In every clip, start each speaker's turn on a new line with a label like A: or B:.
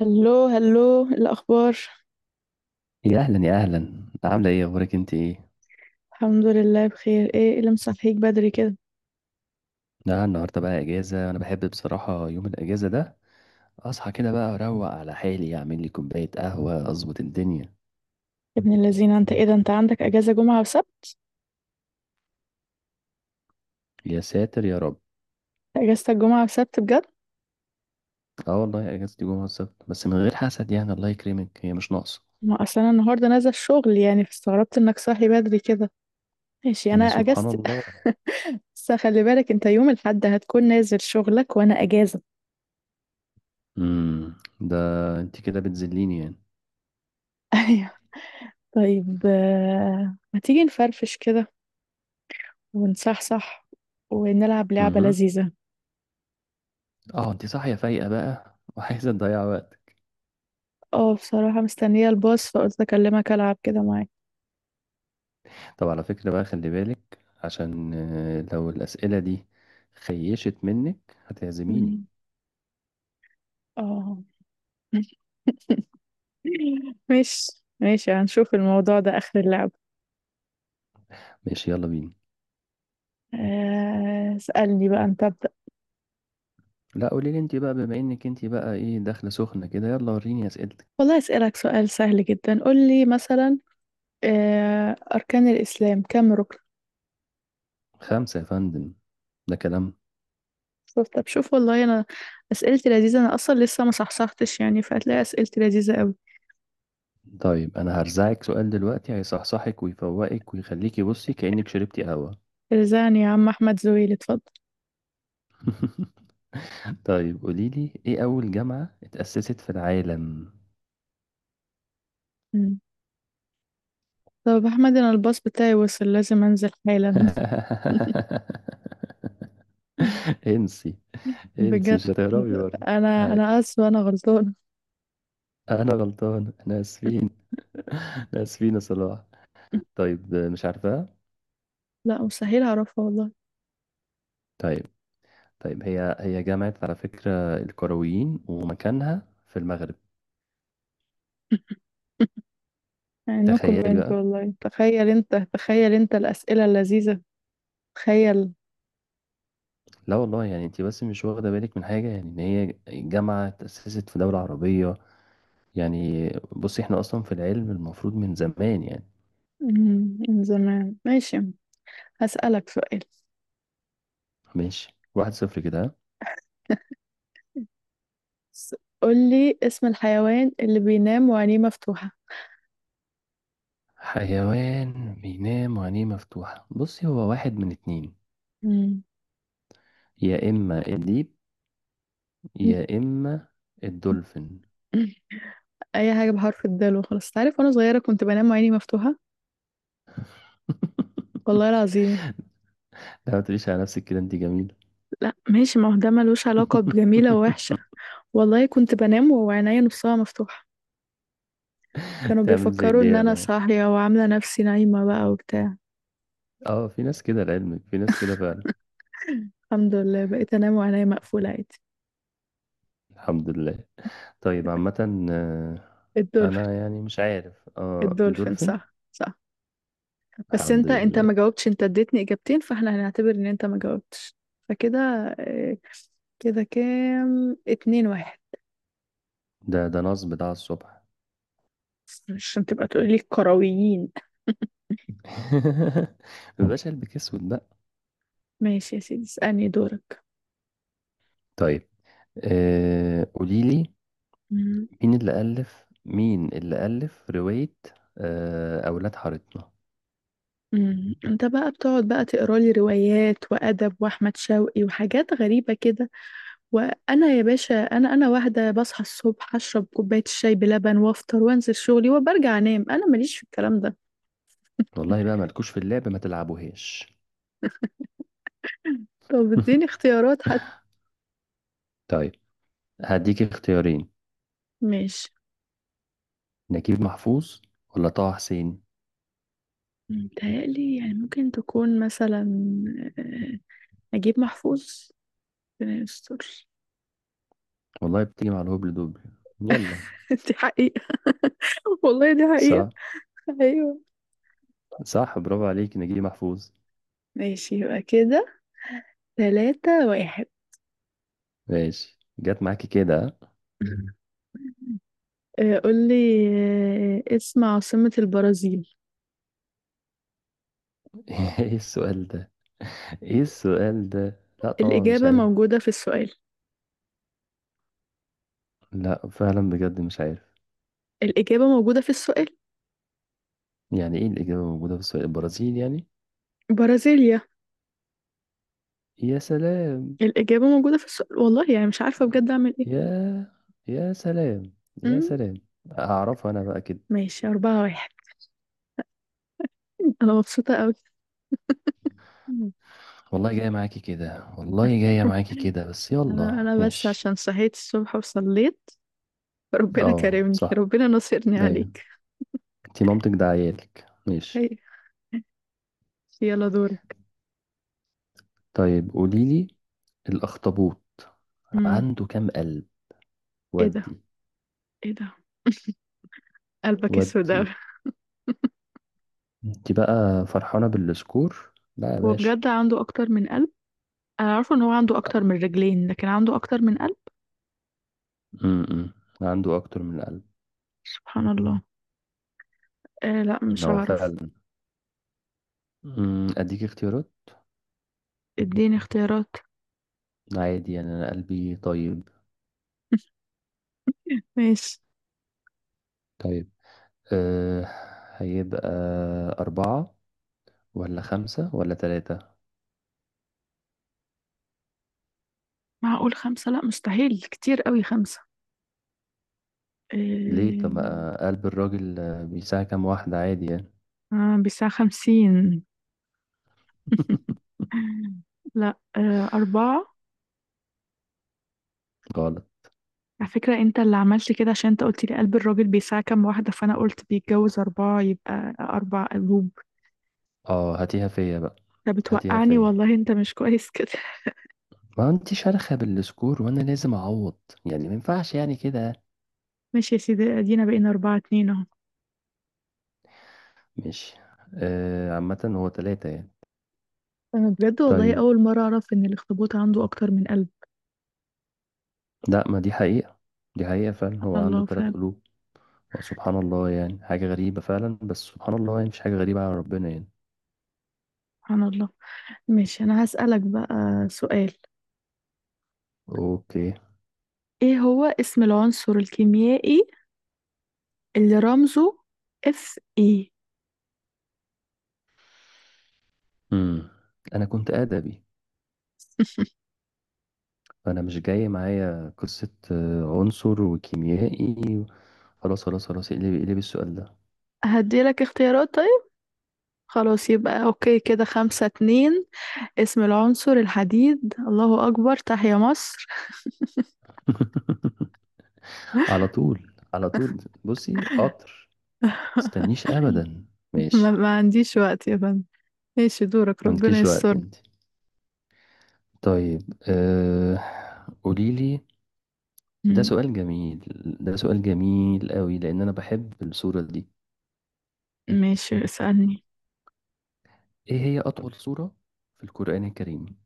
A: هلو هلو، إيه الاخبار؟
B: يا اهلا يا اهلا، عامله ايه؟ اخبارك انت ايه؟
A: الحمد لله بخير. ايه اللي مصحيك بدري كده؟
B: لا النهارده بقى اجازه. انا بحب بصراحه يوم الاجازه ده. اصحى كده بقى، اروق على حالي، اعمل لي كوبايه قهوه، اظبط الدنيا.
A: يا ابن اللذينه، انت ايه ده، انت عندك اجازه جمعه وسبت؟
B: يا ساتر يا رب.
A: اجازتك جمعه وسبت بجد؟
B: اه والله اجازتي جمعه السبت، بس من غير حسد يعني، الله يكرمك، هي مش ناقصه.
A: ما اصل انا النهارده نازله الشغل يعني، فاستغربت انك صاحي بدري كده. ماشي، انا
B: يا سبحان
A: اجازتي.
B: الله.
A: بس خلي بالك، انت يوم الاحد هتكون نازل شغلك وانا اجازه.
B: امم ده، انت كده بتذليني يعني.
A: ايوه. طيب ما تيجي نفرفش كده ونصحصح ونلعب لعبه
B: امم
A: لذيذه.
B: اه انت صاحيه فايقه بقى وعايزه تضيع وقت.
A: اه بصراحه مستنيه الباص فقلت اكلمك العب كده معاك.
B: طب على فكره بقى، خلي بالك عشان لو الاسئله دي خيشت منك هتعزميني.
A: مم. اه. ماشي ماشي، هنشوف الموضوع ده آخر اللعبة.
B: ماشي يلا بينا.
A: اسألني بقى أنت، أبدأ.
B: لا قولي لي انت بقى، بما انك انت بقى ايه، داخله سخنه كده، يلا وريني اسئلتك.
A: والله أسألك سؤال سهل جدا، قول لي مثلا أركان الإسلام كم ركن؟
B: خمسه يا فندم. ده كلام.
A: شوف طب شوف، والله أنا أسئلتي لذيذة. أنا أصلا لسه ما صحصحتش يعني، فهتلاقي أسئلتي لذيذة أوي.
B: طيب انا هرزعك سؤال دلوقتي هيصحصحك ويفوقك ويخليكي بصي كأنك شربتي قهوه.
A: رزقني يا عم أحمد زويل، اتفضل.
B: طيب قولي لي، ايه اول جامعه اتأسست في العالم؟
A: مم. طب أحمد، أنا الباص بتاعي وصل، لازم أنزل حالا.
B: انسي. انسي،
A: بجد.
B: مش هتهربي برضه.
A: أنا
B: هاي.
A: أنا آسفة، أنا غلطانة.
B: انا غلطان، احنا اسفين. احنا اسفين يا صلاح. طيب مش عارفاها.
A: لا مستحيل أعرفها والله.
B: طيب. طيب هي جامعة، على فكرة، الكرويين ومكانها في المغرب.
A: نو
B: تخيلي
A: كومنت،
B: بقى.
A: والله تخيل انت، تخيل انت الأسئلة اللذيذة. تخيل.
B: لا والله يعني انت بس مش واخدة بالك من حاجة، يعني ان هي جامعة تأسست في دولة عربية يعني. بصي احنا اصلا في العلم المفروض من زمان يعني.
A: من زمان، ماشي. هسألك سؤال.
B: ماشي، 1-0 كده، ها؟
A: س- قولي اسم الحيوان اللي بينام وعينيه مفتوحة.
B: حيوان بينام وعينيه مفتوحة؟ بصي هو واحد من اتنين.
A: مم.
B: يا اما الديب، يا اما الدولفين.
A: أي حاجة بحرف الدال وخلاص تعرف، وأنا صغيرة كنت بنام وعيني مفتوحة. والله العظيم.
B: لا ما تقوليش على نفسك كده، انت جميلة.
A: لا ماشي، ما هو ده ملوش علاقة بجميلة ووحشة. والله كنت بنام وعينيا نصها مفتوحة. كانوا
B: تعمل زي
A: بيفكروا إن
B: الديابة
A: أنا
B: يعني.
A: صاحية وعاملة نفسي نايمة بقى وبتاع.
B: اه في ناس كده، لعلمك في ناس كده فعلا.
A: الحمد لله بقيت أنام وعينيا مقفولة عادي.
B: الحمد لله. طيب، عامة، آه،
A: الدولفين.
B: انا يعني مش عارف. اه
A: الدولفين،
B: الدولفين.
A: صح صح. بس
B: الحمد
A: انت
B: لله.
A: ما جاوبتش، انت اديتني اجابتين فاحنا هنعتبر ان انت ما جاوبتش، فكده آه، كده كام، 2-1،
B: ده نصب بتاع الصبح.
A: عشان تبقى تقولي الكرويين.
B: مبقاش قلبك اسود بقى.
A: ماشي يا سيدي، اسألني دورك.
B: طيب، قولي لي،
A: مم.
B: مين اللي ألف رواية؟ أولاد حارتنا.
A: مم. انت بقى بتقعد بقى تقرا لي روايات وادب واحمد شوقي وحاجات غريبه كده. وانا يا باشا، انا واحده بصحى الصبح اشرب كوبايه الشاي بلبن وافطر وانزل شغلي وبرجع انام، انا ماليش في الكلام ده.
B: والله بقى مالكوش في اللعب، ما تلعبوهاش.
A: طب اديني اختيارات.
B: طيب هديك اختيارين،
A: ماشي.
B: نجيب محفوظ ولا طه حسين.
A: متهيألي يعني ممكن تكون مثلا آه، نجيب محفوظ. ربنا يستر.
B: والله بتيجي مع الهبل دوبل. يلا.
A: دي حقيقة. والله دي حقيقة.
B: صح،
A: أيوة.
B: صح، برافو عليك، نجيب محفوظ.
A: ماشي يبقى كده، 3-1.
B: ماشي، جت معاكي كده.
A: قولي اسم عاصمة البرازيل.
B: ها؟ ايه السؤال ده؟ ايه السؤال ده؟ لا طبعا مش
A: الإجابة
B: عارف.
A: موجودة في السؤال.
B: لا فعلا بجد مش عارف.
A: الإجابة موجودة في السؤال.
B: يعني ايه الإجابة موجودة في السؤال؟ البرازيل يعني؟
A: برازيليا.
B: يا سلام.
A: الإجابة موجودة في السؤال، والله يعني مش عارفة بجد أعمل إيه.
B: يا يا سلام. يا
A: أمم.
B: سلام. هعرفها انا بقى كده.
A: ماشي، 4-1. أنا مبسوطة أوي.
B: والله جاية معاكي كده، والله جاية معاكي كده، بس
A: انا
B: يلا
A: انا بس
B: ماشي.
A: عشان صحيت الصبح وصليت، ربنا
B: اه
A: كرمني،
B: صح.
A: ربنا نصرني
B: ايوه.
A: عليك.
B: انتي مامتك، ده عيالك، ماشي.
A: اي. يلا دورك.
B: طيب قوليلي، الأخطبوط
A: امم.
B: عنده كام قلب؟
A: ايه ده،
B: ودي،
A: ايه ده، قلبك اسود
B: ودي
A: اوي.
B: انت بقى فرحانة بالسكور؟ لا يا
A: هو
B: باشا.
A: بجد عنده اكتر من قلب؟ انا عارفه ان هو عنده اكتر من رجلين، لكن عنده اكتر من قلب؟
B: امم عنده اكتر من القلب.
A: سبحان الله. آه لا، مش
B: هو
A: هعرف.
B: فعلا. اديك اختيارات.
A: اديني اختيارات.
B: عادي يعني، انا قلبي طيب.
A: ماشي.
B: طيب. أه هيبقى أربعة ولا خمسة ولا تلاتة؟
A: معقول خمسة؟ لا مستحيل، كتير قوي خمسة.
B: ليه؟ طب
A: آه,
B: ما قلب الراجل بيساع كام واحدة عادي يعني.
A: بساعة 50. لا أربعة.
B: غلط.
A: على فكرة انت اللي عملت كده، عشان انت قلت لي قلب الراجل بيساع كام واحدة، فانا قلت بيتجوز اربعة يبقى اربع قلوب.
B: اه هاتيها فيا بقى.
A: انت
B: هاتيها
A: بتوقعني،
B: فيا.
A: والله انت مش كويس كده.
B: ما انت شارخة بالسكور، وانا لازم اعوض يعني، ما ينفعش يعني كده.
A: ماشي يا سيدي، ادينا بقينا 4-2 اهو.
B: ماشي. عامة هو تلاتة يعني.
A: انا بجد والله،
B: طيب.
A: اول مرة اعرف ان الاخطبوط عنده اكتر من قلب.
B: لا، ما دي حقيقة. دي حقيقة فعلا، هو
A: سبحان
B: عنده
A: الله
B: تلات
A: فعلا.
B: قلوب. هو سبحان الله، يعني حاجة غريبة فعلا، بس سبحان الله يعني مش حاجة غريبة على ربنا يعني.
A: سبحان الله. ماشي، انا هسألك بقى سؤال.
B: اوكي.
A: ايه هو اسم العنصر الكيميائي اللي رمزه اف اي؟
B: امم انا كنت ادبي، فانا مش جاي معايا قصة عنصر وكيميائي. خلاص خلاص خلاص، اقلبي اقلبي السؤال ده.
A: هديلك اختيارات طيب. خلاص يبقى اوكي، كده 5-2. اسم العنصر الحديد، الله أكبر، تحيا مصر.
B: على طول. على طول، بصي قطر. متستنيش ابدا.
A: ما,
B: ماشي.
A: ما عنديش وقت يا فندم. ماشي دورك،
B: ما
A: ربنا
B: عندكيش وقت
A: يستر.
B: انت؟ طيب، أه... قوليلي. ده
A: م-
B: سؤال جميل. ده سؤال جميل قوي، لأن أنا بحب السورة دي.
A: ماشي اسألني.
B: إيه هي أطول سورة في القرآن الكريم؟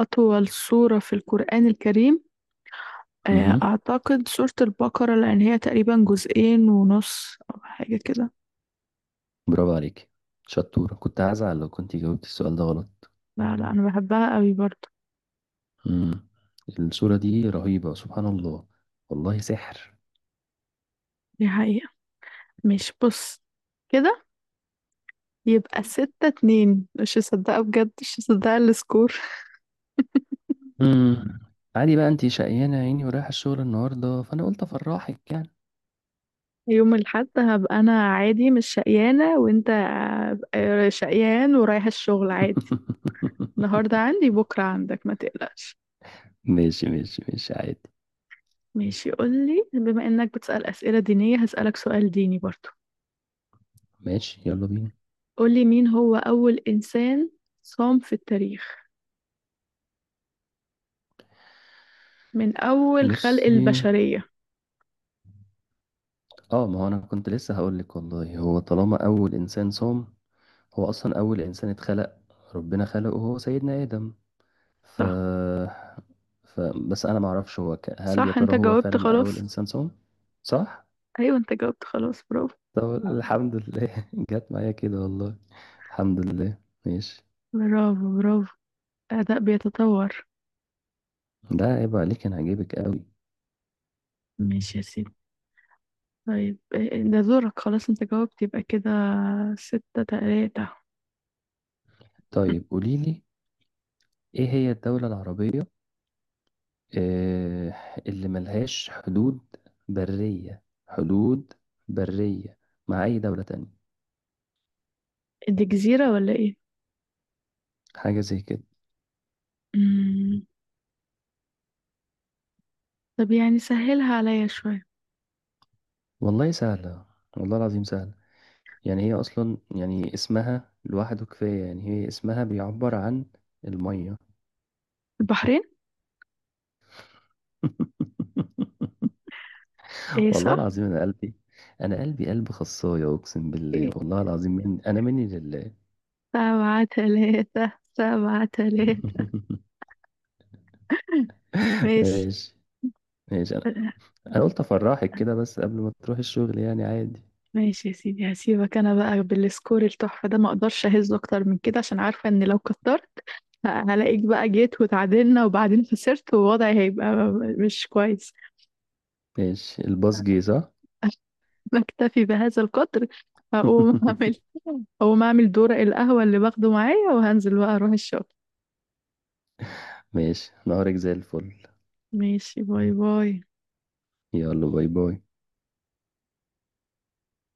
A: أطول سورة في القرآن الكريم؟
B: مهم.
A: أعتقد سورة البقرة، لأن هي تقريبا جزئين ونص أو حاجة كده.
B: برافو عليك، شطورة. كنت هزعل لو كنت جاوبت السؤال ده غلط.
A: لا لا، أنا بحبها قوي برضو.
B: مم. السورة دي رهيبة سبحان الله. والله سحر.
A: دي حقيقة. ماشي، بص كده، يبقى 6-2. مش مصدقة بجد، مش مصدقة السكور.
B: مم. عادي بقى، أنت شقيانة يا عيني ورايحة الشغل النهاردة، فأنا قلت أفرحك يعني.
A: يوم الأحد هبقى أنا عادي مش شقيانة، وأنت شقيان ورايح الشغل عادي. النهاردة عندي بكرة عندك، ما تقلقش.
B: ماشي ماشي ماشي، عادي.
A: ماشي، قولي بما إنك بتسأل أسئلة دينية هسألك سؤال ديني برضو.
B: ماشي يلا بينا.
A: قولي مين هو أول إنسان صام في التاريخ من أول خلق
B: بصي،
A: البشرية.
B: اه ما هو انا كنت لسه هقول لك والله، هو طالما اول انسان صام، هو اصلا اول انسان اتخلق، ربنا خلقه، هو سيدنا ادم. ف,
A: صح.
B: بس انا ما اعرفش، هو هل يا
A: صح، أنت
B: ترى هو
A: جاوبت
B: فعلا اول
A: خلاص.
B: انسان صام؟ صح.
A: أيوة، أنت جاوبت خلاص، برافو.
B: طب الحمد لله جت معايا كده والله. الحمد لله. ماشي.
A: برافو برافو. أداء بيتطور.
B: ده عيب عليك، انا هجيبك قوي.
A: ماشي يا سيدي. طيب ده دورك خلاص، أنت جاوبت، يبقى كده 6-3.
B: طيب قولي لي، ايه هي الدولة العربية آه، اللي ملهاش حدود برية، حدود برية مع أي دولة تانية؟
A: دي جزيرة ولا ايه؟
B: حاجة زي كده.
A: مم. طب يعني سهلها عليا شوية.
B: والله سهلة. والله العظيم سهلة. يعني هي أصلا، يعني اسمها لوحده كفاية، يعني هي اسمها بيعبر عن المية.
A: البحرين؟ ايه
B: والله
A: صح؟
B: العظيم، أنا قلبي قلب خصاية، أقسم بالله،
A: إيه؟
B: والله العظيم، من أنا مني لله.
A: 7-3، 7-3. ماشي.
B: ماشي. ماشي، أنا قلت أفرحك كده، بس قبل ما تروح الشغل يعني عادي.
A: ماشي يا سيدي، هسيبك انا بقى بالسكور التحفة ده، ما اقدرش اهز اكتر من كده عشان عارفة ان لو كترت هلاقيك بقى جيت وتعادلنا وبعدين خسرت ووضعي هيبقى مش كويس.
B: ماشي الباص جه صح؟
A: بكتفي بهذا القدر. هقوم اعمل هقوم اعمل دورق القهوة اللي باخده معايا وهنزل بقى اروح الشغل.
B: ماشي، نهارك زي الفل.
A: ماشي، باي باي.
B: يلا باي باي.